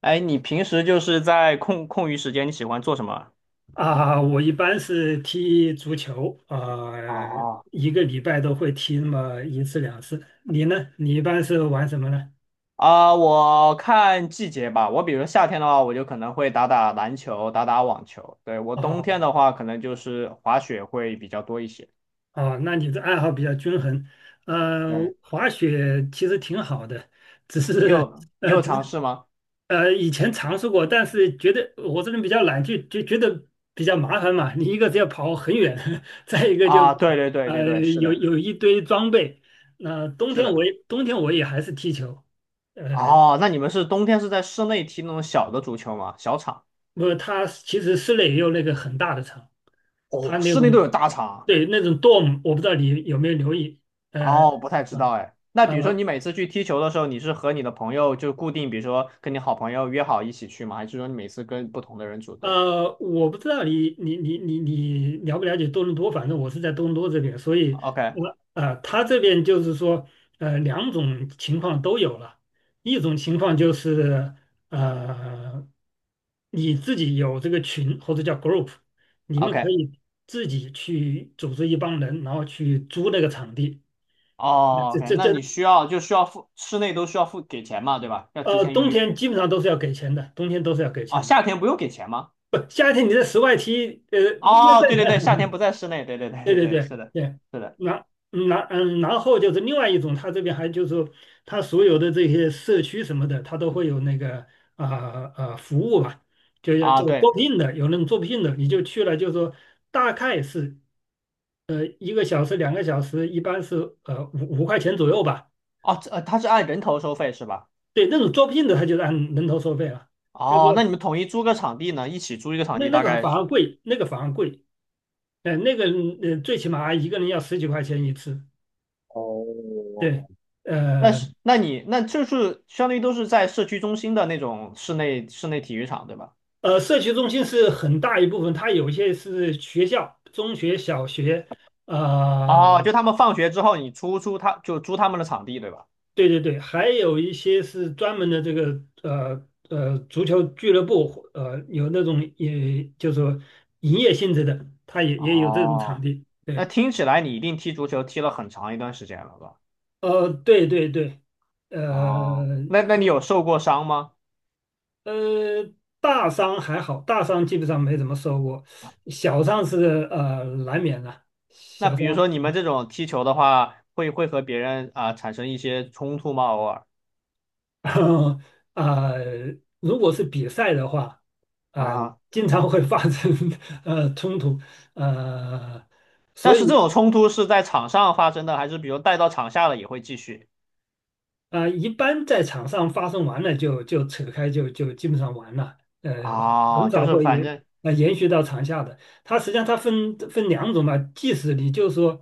哎，你平时就是在空余时间，你喜欢做什么啊？啊，我一般是踢足球，啊，哦，一个礼拜都会踢那么一次两次。你呢？你一般是玩什么呢？我看季节吧。我比如夏天的话，我就可能会打打篮球，打打网球。对，我冬天哦的话，可能就是滑雪会比较多一些。哦，那你的爱好比较均衡。呃，对，滑雪其实挺好的，只你是有你呃有尝只试吗？呃以前尝试过，但是觉得我这人比较懒，就觉得比较麻烦嘛。你一个是要跑很远，再一个就啊，对对对对呃对，是有的，有一堆装备。那、冬是天我的。也冬天我也还是踢球。呃。哦，那你们是冬天是在室内踢那种小的足球吗？小场？不他它其实室内也有那个很大的厂，它哦，那室内都种有大场对那种 dorm,我不知道你有没有留意。呃，哦，不太知道啊哎。那啊，比如说你呃每次去踢球的时候，你是和你的朋友就固定，比如说跟你好朋友约好一起去吗？还是说你每次跟不同的人组队我不知道你了不了解多伦多，反正我是在多伦多这边，所以？OK 我他这边就是说，两种情况都有了。一种情况就是，呃，你自己有这个群或者叫 group,你们 OK 可以自己去组织一帮人，然后去租那个场地。那哦 这 OK，这那这你需要就需要付室内都需要付给钱嘛，对吧？要提呃，前预冬约。天基本上都是要给钱的，冬天都是要给啊？钱的。夏天不用给钱吗？不，夏天你在室外踢，你要哦，在 对对对，夏 天不在室内，对对对对对对对，对是的，对。是的然后就是另外一种，它这边还就是说它所有的这些社区什么的，它都会有那个服务吧，就要啊，就招对聘的，有那种招聘的，你就去了，就是说大概是一个小时两个小时，一般是呃五五块钱左右吧。哦，这它是按人头收费是吧？对，那种招聘的，他就是按人头收费了，就是哦，那你说们统一租个场地呢？一起租一个场那地那大个概反而贵，那个反而贵。呃，那个最起码一个人要十几块钱一次，哦，对。但呃，是那你就是相当于都是在社区中心的那种室内体育场，对吧？社区中心是很大一部分，它有一些是学校、中学、小学。啊、哦，就他们放学之后，你出租他就租他们的场地，对吧？对对对，还有一些是专门的这个足球俱乐部，有那种也就是说营业性质的，它也也有这种场哦，地。那对。听起来你一定踢足球踢了很长一段时间了吧？对对对。哦，呃那你有受过伤吗？呃，大伤还好，大伤基本上没怎么受过，小伤是难免的，那小比伤。如说你们这种踢球的话，会和别人啊、产生一些冲突吗？偶尔 然后啊、呃如果是比赛的话，呃，啊，经常会发生 冲突，呃，但所以。是这种冲突是在场上发生的，还是比如带到场下了也会继续？啊，一般在场上发生完了就扯开就基本上完了，啊，很就少是会反正延续到场下的。它实际上它分两种吧，即使你就是说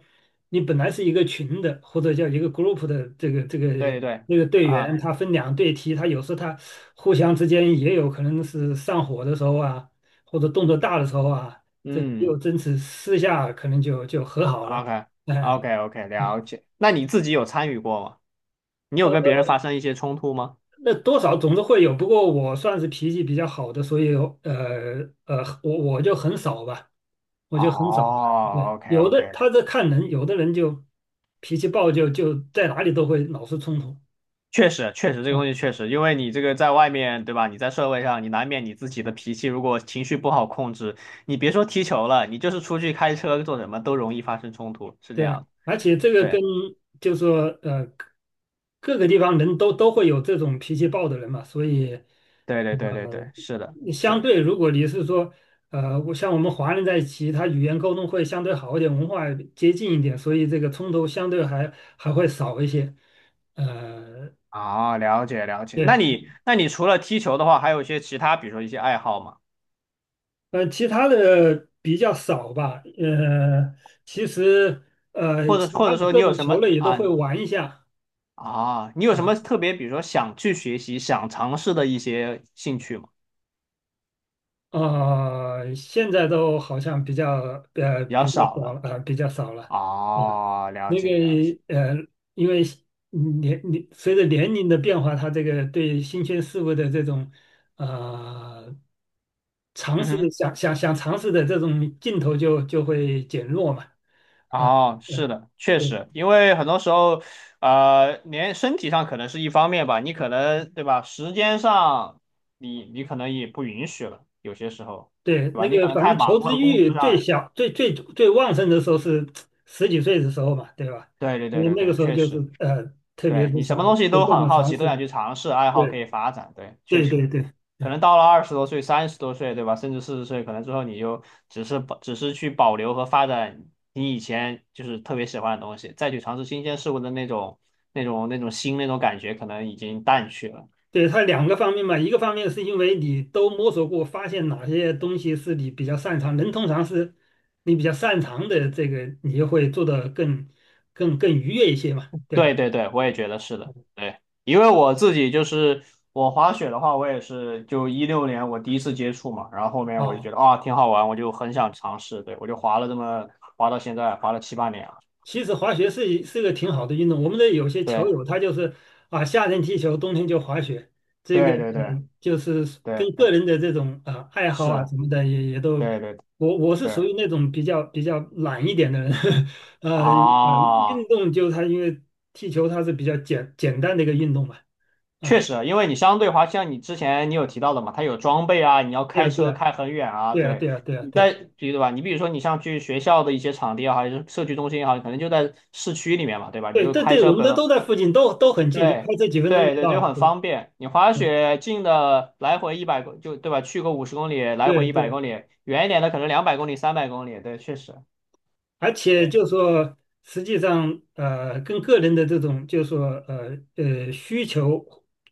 你本来是一个群的或者叫一个 group 的这个这对个对对。那个队员，啊、他分两队踢，他有时候他互相之间也有可能是上火的时候啊，或者动作大的时候啊，这个嗯又争执，私下可能就和好了。，OK 哎、OK OK，嗯了解。那你自己有参与过吗？你有跟别人发生一些冲突吗？那多少总是会有，不过我算是脾气比较好的，所以我就很少吧，我就很少吧。对，哦，OK 有 OK 的的，他这看人，有的人就脾气暴就，就在哪里都会老是冲突。确实确实这个东西嗯，确实，因为你这个在外面对吧？你在社会上，你难免你自己的脾气如果情绪不好控制，你别说踢球了，你就是出去开车做什么都容易发生冲突，是这对样啊，的。而且这个对跟就说呃各个地方人都会有这种脾气暴的人嘛，所以对对对对对，是的，你是相的。对，如果你是说，我像我们华人在一起，他语言沟通会相对好一点，文化接近一点，所以这个冲突相对还会少一些。呃，啊，了解了解。那对。你那你除了踢球的话，还有一些其他，比如说一些爱好吗？其他的比较少吧。其实或者其或他者的说你各有种什球么类也都会啊？玩一下。啊，你有什么啊特别，比如说想去学习、想尝试的一些兴趣吗？啊现在都好像比较比较少少了。了啊，比较少了。嗯。哦，了那个解了解。呃，因为嗯随着年龄的变化，他这个对新鲜事物的这种呃尝嗯试，哼，想尝试的这种劲头就会减弱嘛。哦，是嗯，的，确对实，因为很多时候，连身体上可能是一方面吧，你可能对吧，时间上你可能也不允许了，有些时候，对，对吧？那你个可能反太正求忙知了，工欲作最上。小、最最最旺盛的时候是十几岁的时候嘛，对吧？对对因对为对那个对，时候确就是实。特别对是你想什么东西做都各很种好尝奇，都想试。去尝试，爱好可对以发展。对，确对实，对对。可能到了20多岁、30多岁，对吧？甚至40岁，可能之后你就只是去保留和发展你以前就是特别喜欢的东西，再去尝试新鲜事物的那种感觉，可能已经淡去了。对，它两个方面嘛，一个方面是因为你都摸索过，发现哪些东西是你比较擅长，人通常是你比较擅长的这个，你就会做得更愉悦一些嘛，对对吧？对对，我也觉得是的，对，因为我自己就是我滑雪的话，我也是就16年我第一次接触嘛，然后后面我就哦。觉得啊挺好玩，我就很想尝试，对，我就滑了这么滑到现在，滑了7、8年了，其实滑雪是个挺好的运动。我们的有些球友对他就是啊，夏天踢球，冬天就滑雪，这个对对对嗯就是跟对，个人的这种啊爱好是啊的，什么的也都，对对我是属对于那种比较懒一点的人，呃呃，运啊。动就他因为踢球它是比较单的一个运动嘛，确啊，实，因为你相对滑，像你之前你有提到的嘛，它有装备啊，你要对开啊对车啊开很远啊，对，你对啊，在对吧？你比如说你像去学校的一些场地也好，还是社区中心也好，你可能就在市区里面嘛，对吧？你对就对开对，我车们本，这都在附近，都很近，就开对车几分钟就对对，到就了，很对方便。你滑对雪近的来回一百公就对吧？去个50公里，来对回一百对。公里，远一点的可能200公里、300公里，对，确实。而且对，就说，实际上，跟个人的这种，就说，需求、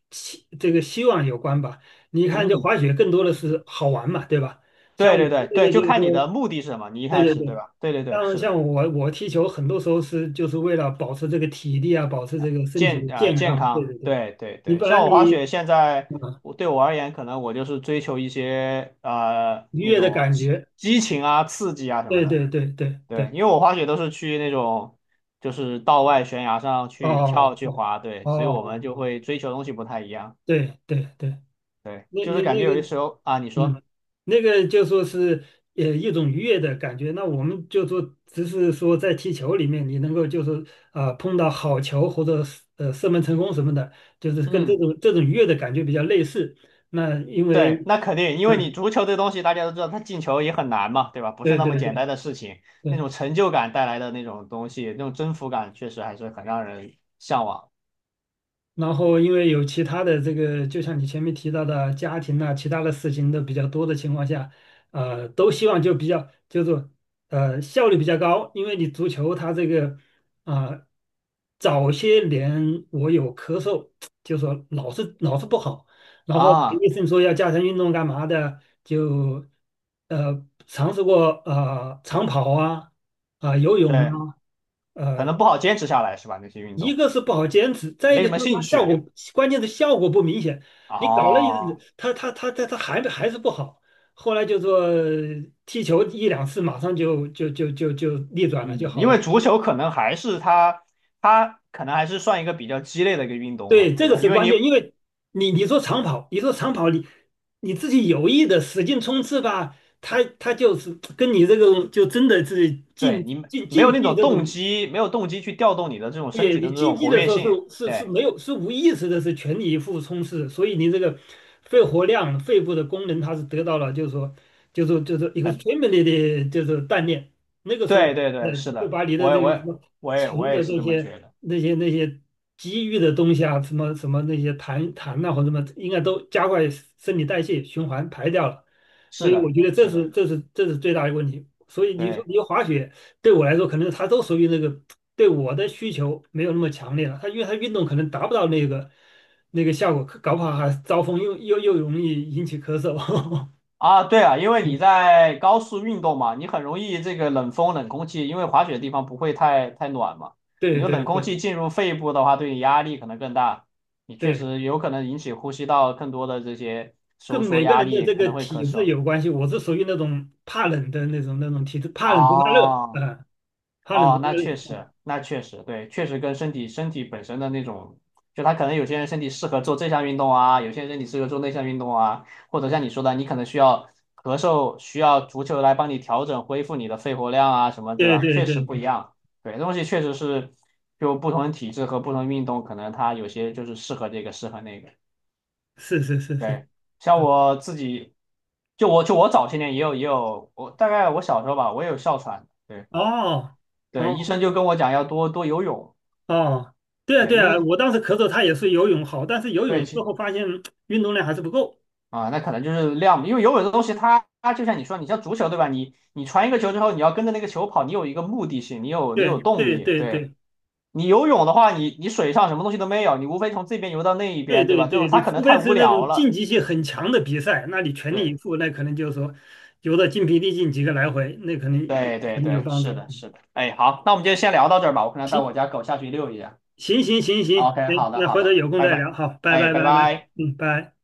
这个希望有关吧。你看，就嗯，滑雪更多的是好玩嘛，对吧？像对我对们对这对，个就就是看你说，的目的是什么，你一对开对始对对，吧？对对对，像是的。像我踢球，很多时候就是为了保持这个体力啊，保持这个身体的健健康。对康，对对，对对你对，不像然我滑你雪现在啊我对我而言，可能我就是追求一些愉那悦的种感激觉，激情啊、刺激啊什么对的。对对对对，对，因为我滑雪都是去那种就是道外悬崖上去跳哦去哦滑，对，哦所以我们就哦，会追求东西不太一样。对对对，对，就是感那觉有些个。时候啊，你说，嗯，那个就说是一种愉悦的感觉。那我们就说，只是说在踢球里面，你能够就是碰到好球或者是射门成功什么的，就是跟这嗯。种这种愉悦的感觉比较类似。那因为对，那肯定，因为你嗯，足球这东西大家都知道，它进球也很难嘛，对吧？不是对那么对简单对的事情，那对，种成就感带来的那种东西，那种征服感，确实还是很让人向往然后因为有其他的这个，就像你前面提到的家庭啊，其他的事情都比较多的情况下，都希望就比较就是呃效率比较高，因为你足球它这个啊、呃早些年我有咳嗽，就说老是不好，然后啊。医生说要加强运动干嘛的，就尝试过长跑啊游泳对，啊。可呃。能不好坚持下来，是吧？那些运一动个是不好坚持，再一没什个么就是它兴效趣果，关键是效果不明显。你搞了一日，哦。他他他他它还是不好。后来就说踢球一两次，马上就逆转了就嗯，好因了。为足球可能还是它可能还是算一个比较鸡肋的一个运动嘛，对，这对个吧？是因为关键，你因为你说长跑，你你自己有意的使劲冲刺吧，他就是跟你这个就真的是对你没竞有那技种这动种。机，没有动机去调动你的这种你身体的你这竞种技活的跃时候性，是是是对。没有是无意识的，是全力以赴冲刺，所以你这个肺活量、肺部的功能它是得到了，就是说就是 很 extremely 的，就是锻炼。那个时候，对对对，是就的，把你的我也这个我什也么我也我沉也的是这这么些觉得。那些积郁的东西啊，什么什么那些痰呐、或者什么，应该都加快身体代谢循环排掉了。所是以我的，觉得是的，这是最大的问题。所以你说对你滑雪。对我来说，可能他都属于那个对我的需求没有那么强烈了。他因为他运动可能达不到那个效果，搞不好还招风又容易引起咳嗽。啊，对啊，因为你 在高速运动嘛，你很容易这个冷风、冷空气，因为滑雪的地方不会太暖嘛，你对就冷对空对气进入肺部的话，对你压力可能更大，你确对，实有可能引起呼吸道更多的这些跟收缩每个压人的力，这可个能会咳体质嗽有关系。我是属于那种怕冷的那种体质，怕冷不怕热啊。啊，怕冷不哦，怕那确热。实，那确实，对，确实跟身体本身的那种，就他可能有些人身体适合做这项运动啊，有些人身体适合做那项运动啊，或者像你说的，你可能需要咳嗽，需要足球来帮你调整恢复你的肺活量啊什么，对对吧？对确实对不一对，样，对，这东西确实是就不同的体质和不同的运动，可能他有些就是适合这个，适合那个。是是是是，对，像嗯，我自己，就我早些年也有，我大概我小时候吧，我也有哮喘。对。哦对，医哦生就跟我讲要多多游泳，哦，对啊对，对因为啊，我当时咳嗽，他也是游泳好，但是游对泳最其后发现运动量还是不够。啊，那可能就是量，因为游泳这东西它就像你说，你像足球对吧？你传一个球之后，你要跟着那个球跑，你有一个目的性，你有对动对力。对对对你游泳的话，你水上什么东西都没有，你无非从这边游到那一对边，对对吧？这种对，它你可能除太非无是那聊种竞了。技性很强的比赛，那你全力以对赴，那可能就是说游的筋疲力尽几个来回，那可能对对可能有对，帮助。是的，是的。哎，好，那我们就先聊到这儿吧，我可能带我行家狗下去遛一下。行行行行，OK，行，好的那好回头的，有空拜再拜。聊，好，拜哎，拜拜拜拜，拜。嗯，拜。